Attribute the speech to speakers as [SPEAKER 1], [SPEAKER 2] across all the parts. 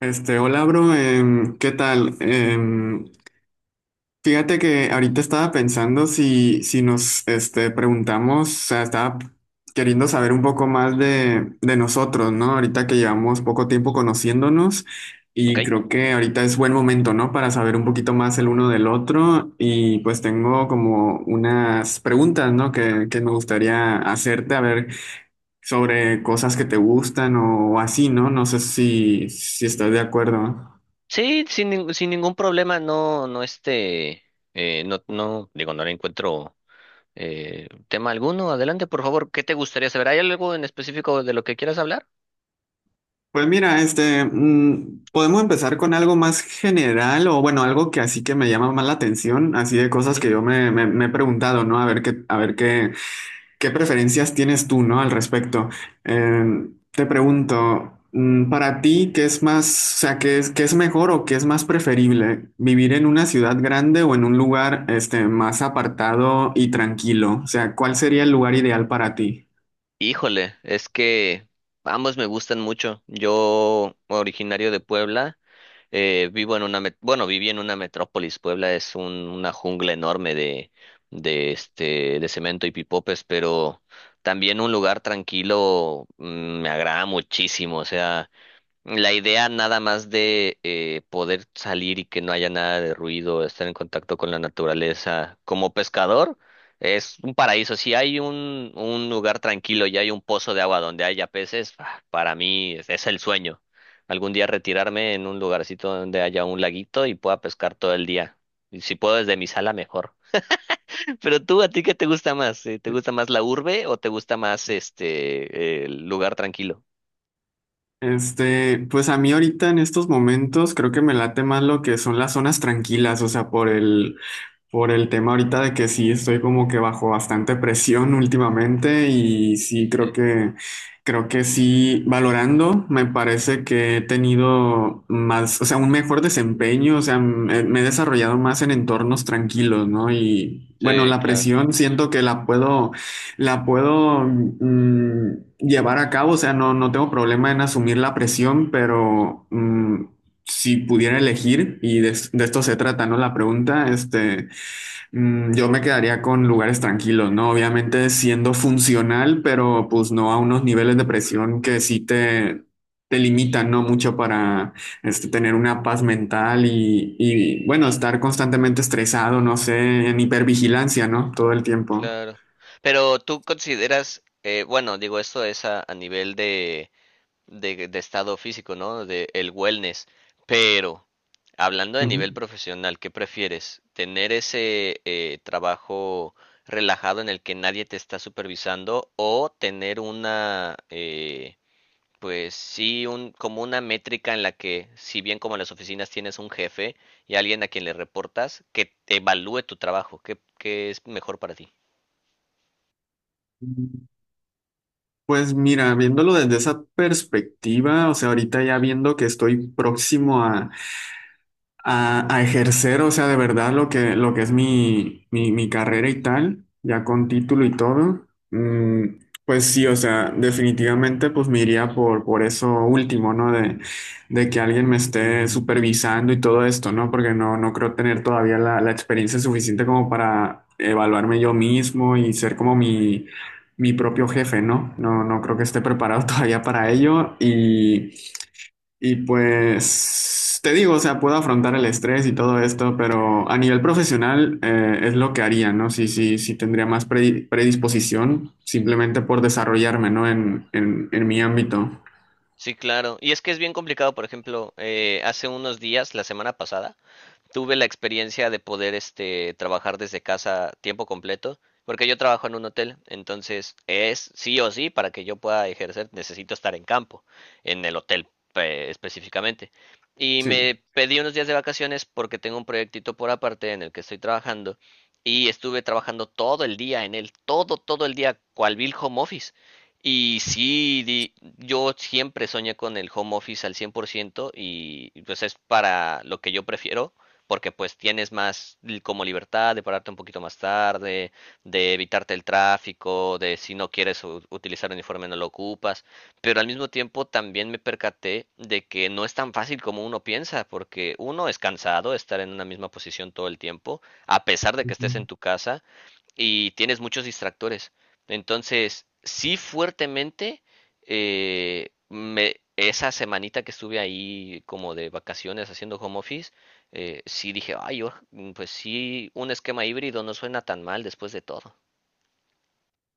[SPEAKER 1] Hola, bro, ¿qué tal? Fíjate que ahorita estaba pensando si nos preguntamos, o sea, estaba queriendo saber un poco más de nosotros, ¿no? Ahorita que llevamos poco tiempo conociéndonos y
[SPEAKER 2] Ok.
[SPEAKER 1] creo que ahorita es buen momento, ¿no? Para saber un poquito más el uno del otro y pues tengo como unas preguntas, ¿no? Que me gustaría hacerte, a ver, sobre cosas que te gustan o, así, ¿no? No sé si estás de acuerdo.
[SPEAKER 2] Sí, sin ningún problema, digo, no le encuentro tema alguno. Adelante, por favor, ¿qué te gustaría saber? ¿Hay algo en específico de lo que quieras hablar?
[SPEAKER 1] Pues mira, podemos empezar con algo más general o bueno, algo que así que me llama más la atención, así de cosas
[SPEAKER 2] Ujú.
[SPEAKER 1] que yo me he preguntado, ¿no? A ver qué, qué preferencias tienes tú, ¿no? Al respecto. Te pregunto, para ti, o sea, qué es mejor o qué es más preferible, ¿vivir en una ciudad grande o en un lugar, más apartado y tranquilo? O sea, ¿cuál sería el lugar ideal para ti?
[SPEAKER 2] Híjole, es que ambos me gustan mucho. Yo, originario de Puebla, vivo en una, viví en una metrópolis. Puebla es una jungla enorme de cemento y pipopes, pero también un lugar tranquilo, me agrada muchísimo. O sea, la idea nada más de poder salir y que no haya nada de ruido, estar en contacto con la naturaleza como pescador es un paraíso. Si hay un lugar tranquilo y hay un pozo de agua donde haya peces, ah, para mí es el sueño. Algún día retirarme en un lugarcito donde haya un laguito y pueda pescar todo el día. Y si puedo desde mi sala, mejor. Pero tú, ¿a ti qué te gusta más? ¿Te gusta más la urbe o te gusta más el lugar tranquilo?
[SPEAKER 1] Pues a mí ahorita en estos momentos creo que me late más lo que son las zonas tranquilas, o sea, por el tema ahorita de que sí estoy como que bajo bastante presión últimamente y sí creo que sí, valorando me parece que he tenido más, o sea, un mejor desempeño, o sea, me he desarrollado más en entornos tranquilos, ¿no? Y bueno,
[SPEAKER 2] Sí,
[SPEAKER 1] la
[SPEAKER 2] claro.
[SPEAKER 1] presión siento que la puedo llevar a cabo, o sea, no tengo problema en asumir la presión, pero mm. Si pudiera elegir, y de esto se trata, ¿no? La pregunta, este. Mm, yo me quedaría con lugares tranquilos, ¿no? Obviamente siendo funcional, pero pues no a unos niveles de presión que te limitan, ¿no? Mucho para tener una paz mental y bueno, estar constantemente estresado, no sé, en hipervigilancia, ¿no? Todo el tiempo.
[SPEAKER 2] Claro. Pero tú consideras, bueno, digo, esto es a nivel de estado físico, ¿no? De el wellness. Pero, hablando de nivel
[SPEAKER 1] Ujú.
[SPEAKER 2] profesional, ¿qué prefieres? ¿Tener ese trabajo relajado en el que nadie te está supervisando o tener una, pues sí, un, como una métrica en la que, si bien como en las oficinas tienes un jefe y alguien a quien le reportas, que te evalúe tu trabajo? ¿Qué, qué es mejor para ti?
[SPEAKER 1] Pues mira, viéndolo desde esa perspectiva, o sea, ahorita ya viendo que estoy próximo a a ejercer, o sea, de verdad lo que es mi carrera y tal, ya con título y todo, mm, pues sí, o sea, definitivamente pues me iría por eso último, ¿no? De que alguien me esté supervisando y todo esto, ¿no? Porque no creo tener todavía la experiencia suficiente como para evaluarme yo mismo y ser como mi... mi propio jefe, ¿no? No creo que esté preparado todavía para ello y pues te digo, o sea, puedo afrontar el estrés y todo esto, pero a nivel profesional, es lo que haría, ¿no? Sí, sí, sí tendría más predisposición simplemente por desarrollarme, ¿no? En mi ámbito.
[SPEAKER 2] Sí, claro. Y es que es bien complicado, por ejemplo, hace unos días, la semana pasada, tuve la experiencia de poder trabajar desde casa tiempo completo, porque yo trabajo en un hotel, entonces es sí o sí, para que yo pueda ejercer necesito estar en campo, en el hotel específicamente. Y
[SPEAKER 1] Sí.
[SPEAKER 2] me pedí unos días de vacaciones porque tengo un proyectito por aparte en el que estoy trabajando y estuve trabajando todo el día en él, todo el día cual vil home office. Y sí, yo siempre soñé con el home office al 100% y pues es para lo que yo prefiero, porque pues tienes más como libertad de pararte un poquito más tarde, de evitarte el tráfico, de si no quieres utilizar uniforme no lo ocupas, pero al mismo tiempo también me percaté de que no es tan fácil como uno piensa, porque uno es cansado de estar en una misma posición todo el tiempo, a pesar de que estés en
[SPEAKER 1] Ujú.
[SPEAKER 2] tu casa, y tienes muchos distractores. Entonces, sí fuertemente, esa semanita que estuve ahí como de vacaciones haciendo home office, sí dije, ay, yo pues sí, un esquema híbrido no suena tan mal después de todo.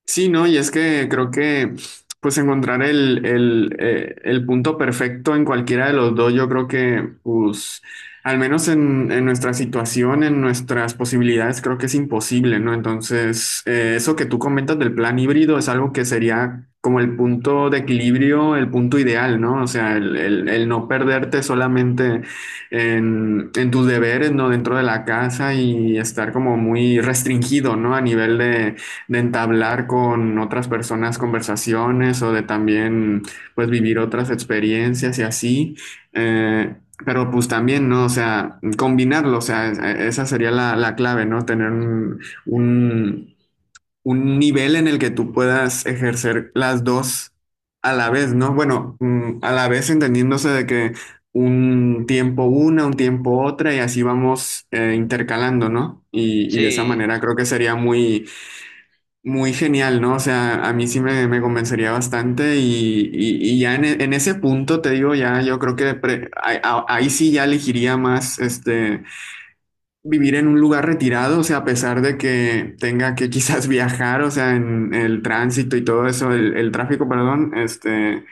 [SPEAKER 1] Sí, no, y es que creo que pues encontrar el punto perfecto en cualquiera de los dos, yo creo que pues al menos en nuestra situación, en nuestras posibilidades, creo que es imposible, ¿no? Entonces, eso que tú comentas del plan híbrido es algo que sería como el punto de equilibrio, el punto ideal, ¿no? O sea, el no perderte solamente en tus deberes, ¿no? Dentro de la casa y estar como muy restringido, ¿no? A nivel de entablar con otras personas conversaciones o de también pues vivir otras experiencias y así. Eh, pero pues también, ¿no? O sea, combinarlo, o sea, esa sería la clave, ¿no? Tener un, un nivel en el que tú puedas ejercer las dos a la vez, ¿no? Bueno, mm, a la vez entendiéndose de que un tiempo otra y así vamos, intercalando, ¿no? Y de esa
[SPEAKER 2] Sí,
[SPEAKER 1] manera creo que sería muy, muy genial, ¿no? O sea, a mí sí me convencería bastante y, y ya en ese punto, te digo, ya yo creo que ahí sí ya elegiría más vivir en un lugar retirado, o sea, a pesar de que tenga que quizás viajar, o sea, en el tránsito y todo eso, el tráfico, perdón, este,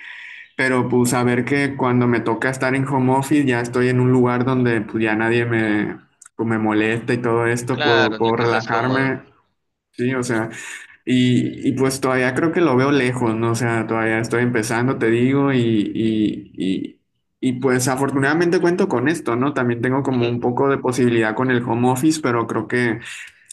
[SPEAKER 1] pero pues saber que cuando me toca estar en home office ya estoy en un lugar donde pues ya nadie me, pues, me molesta y todo esto,
[SPEAKER 2] claro, en
[SPEAKER 1] puedo
[SPEAKER 2] el que estás cómodo.
[SPEAKER 1] relajarme. Sí, o sea, y pues todavía creo que lo veo lejos, ¿no? O sea, todavía estoy empezando, te digo, y pues afortunadamente cuento con esto, ¿no? También tengo como
[SPEAKER 2] Ujú.
[SPEAKER 1] un poco de posibilidad con el home office, pero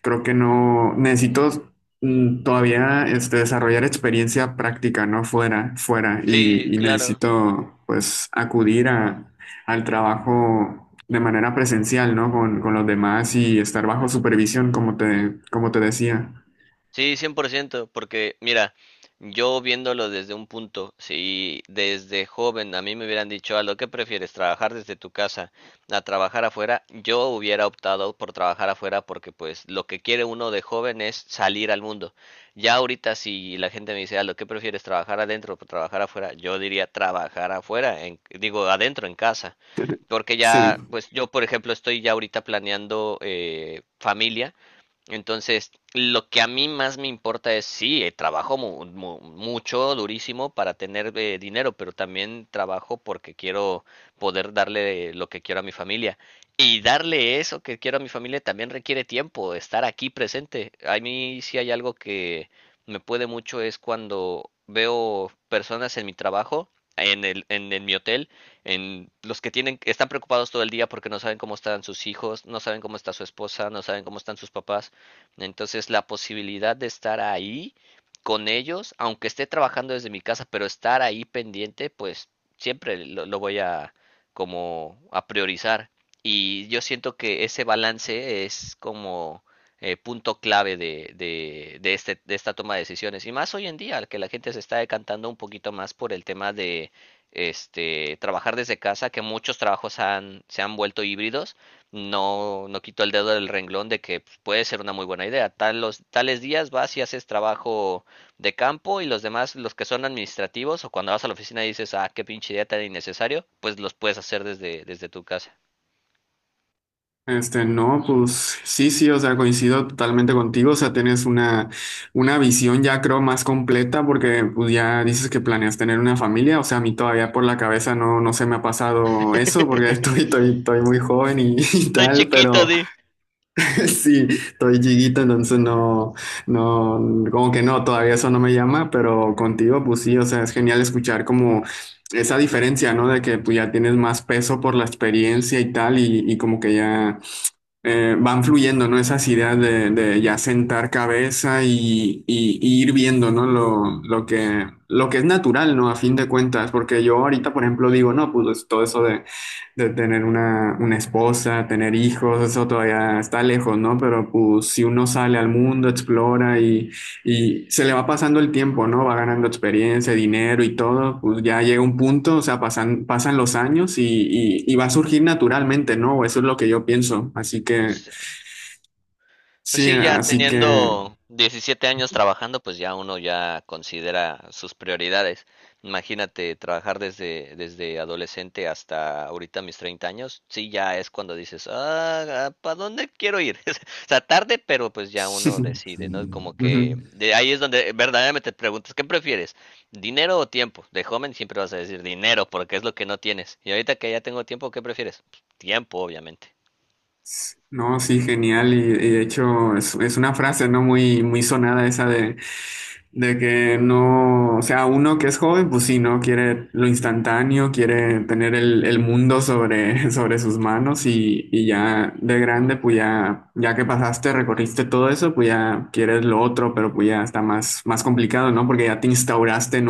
[SPEAKER 1] creo que no, necesito mm, todavía desarrollar experiencia práctica, ¿no? Fuera,
[SPEAKER 2] Sí,
[SPEAKER 1] y
[SPEAKER 2] claro.
[SPEAKER 1] necesito pues acudir a, al trabajo. De manera presencial, ¿no? Con los demás y estar bajo supervisión, como como te decía.
[SPEAKER 2] Sí, 100%, porque mira, yo viéndolo desde un punto, si desde joven a mí me hubieran dicho, a lo que prefieres, trabajar desde tu casa a trabajar afuera, yo hubiera optado por trabajar afuera porque pues lo que quiere uno de joven es salir al mundo. Ya ahorita si la gente me dice, a lo que prefieres, trabajar adentro o trabajar afuera, yo diría trabajar afuera, digo adentro en casa,
[SPEAKER 1] Tere-
[SPEAKER 2] porque ya,
[SPEAKER 1] Sí,
[SPEAKER 2] pues yo por ejemplo estoy ya ahorita planeando familia. Entonces, lo que a mí más me importa es, sí, trabajo mucho, durísimo para tener dinero, pero también trabajo porque quiero poder darle lo que quiero a mi familia. Y darle eso que quiero a mi familia también requiere tiempo, estar aquí presente. A mí sí hay algo que me puede mucho es cuando veo personas en mi trabajo, en mi hotel, en los que tienen, están preocupados todo el día porque no saben cómo están sus hijos, no saben cómo está su esposa, no saben cómo están sus papás. Entonces, la posibilidad de estar ahí con ellos, aunque esté trabajando desde mi casa, pero estar ahí pendiente, pues siempre lo voy a como a priorizar. Y yo siento que ese balance es como punto clave de esta toma de decisiones. Y más hoy en día, que la gente se está decantando un poquito más por el tema de trabajar desde casa, que muchos trabajos se han vuelto híbridos, no, no quito el dedo del renglón de que pues, puede ser una muy buena idea. Tales días vas y haces trabajo de campo y los demás, los que son administrativos o cuando vas a la oficina y dices, ah, qué pinche idea tan innecesario, pues los puedes hacer desde tu casa.
[SPEAKER 1] este, no, pues sí, sí, o sea, coincido totalmente contigo, o sea, tienes una visión ya creo más completa porque pues ya dices que planeas tener una familia, o sea, a mí todavía por la cabeza no se me ha pasado eso porque estoy muy joven y
[SPEAKER 2] Estoy
[SPEAKER 1] tal,
[SPEAKER 2] chiquito,
[SPEAKER 1] pero...
[SPEAKER 2] di.
[SPEAKER 1] Sí, estoy chiquito, entonces no, no, como que no, todavía eso no me llama, pero contigo, pues sí, o sea, es genial escuchar como esa diferencia, ¿no? De que pues ya tienes más peso por la experiencia y tal, y como que ya, van fluyendo, ¿no? Esas ideas de ya sentar cabeza y, y ir viendo, ¿no? Lo que es natural, ¿no? A fin de cuentas, porque yo ahorita, por ejemplo, digo, no, pues todo eso de tener una esposa, tener hijos, eso todavía está lejos, ¿no? Pero pues si uno sale al mundo, explora y se le va pasando el tiempo, ¿no? Va ganando experiencia, dinero y todo, pues ya llega un punto, o sea, pasan los años y va a surgir naturalmente, ¿no? Eso es lo que yo pienso. Así que,
[SPEAKER 2] Pues
[SPEAKER 1] sí,
[SPEAKER 2] sí, ya
[SPEAKER 1] así que...
[SPEAKER 2] teniendo 17 años trabajando, pues ya uno ya considera sus prioridades. Imagínate trabajar desde adolescente hasta ahorita mis 30 años, sí, ya es cuando dices, ah, ¿para dónde quiero ir? O sea, tarde, pero pues ya uno decide, ¿no? Como
[SPEAKER 1] Ujú.
[SPEAKER 2] que de ahí es donde verdaderamente te preguntas, ¿qué prefieres? ¿Dinero o tiempo? De joven siempre vas a decir dinero, porque es lo que no tienes. Y ahorita que ya tengo tiempo, ¿qué prefieres? Pues, tiempo, obviamente.
[SPEAKER 1] No, sí, genial. Y de hecho es una frase, ¿no? Muy, muy sonada esa de que no, o sea, uno que es joven, pues sí, ¿no? Quiere lo instantáneo, quiere tener el mundo sobre, sobre sus manos y ya de grande, pues ya, ya que pasaste, recorriste todo eso, pues ya quieres lo otro, pero pues ya está más, más complicado, ¿no? Porque ya te instauraste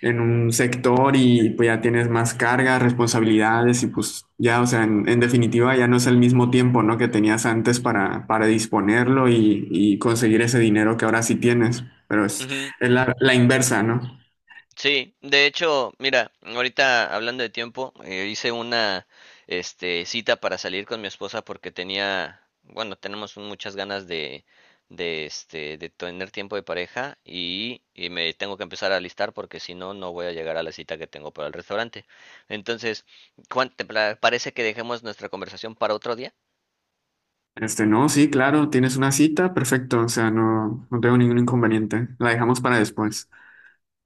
[SPEAKER 1] en un sector y pues ya tienes más cargas, responsabilidades y pues ya, o sea, en definitiva ya no es el mismo tiempo, ¿no? Que tenías antes para disponerlo y conseguir ese dinero que ahora sí tienes, pero es la inversa, ¿no?
[SPEAKER 2] Sí, de hecho, mira, ahorita hablando de tiempo, hice una cita para salir con mi esposa porque tenía, bueno, tenemos muchas ganas de, de tener tiempo de pareja y me tengo que empezar a alistar porque si no, no voy a llegar a la cita que tengo para el restaurante. Entonces, Juan, ¿te parece que dejemos nuestra conversación para otro día?
[SPEAKER 1] Este, no, sí, claro, tienes una cita, perfecto, o sea, no, no tengo ningún inconveniente, la dejamos para después.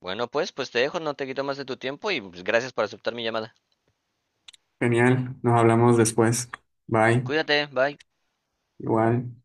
[SPEAKER 2] Bueno, pues te dejo, no te quito más de tu tiempo y pues, gracias por aceptar mi llamada.
[SPEAKER 1] Genial, nos hablamos después. Bye,
[SPEAKER 2] Cuídate, bye.
[SPEAKER 1] igual.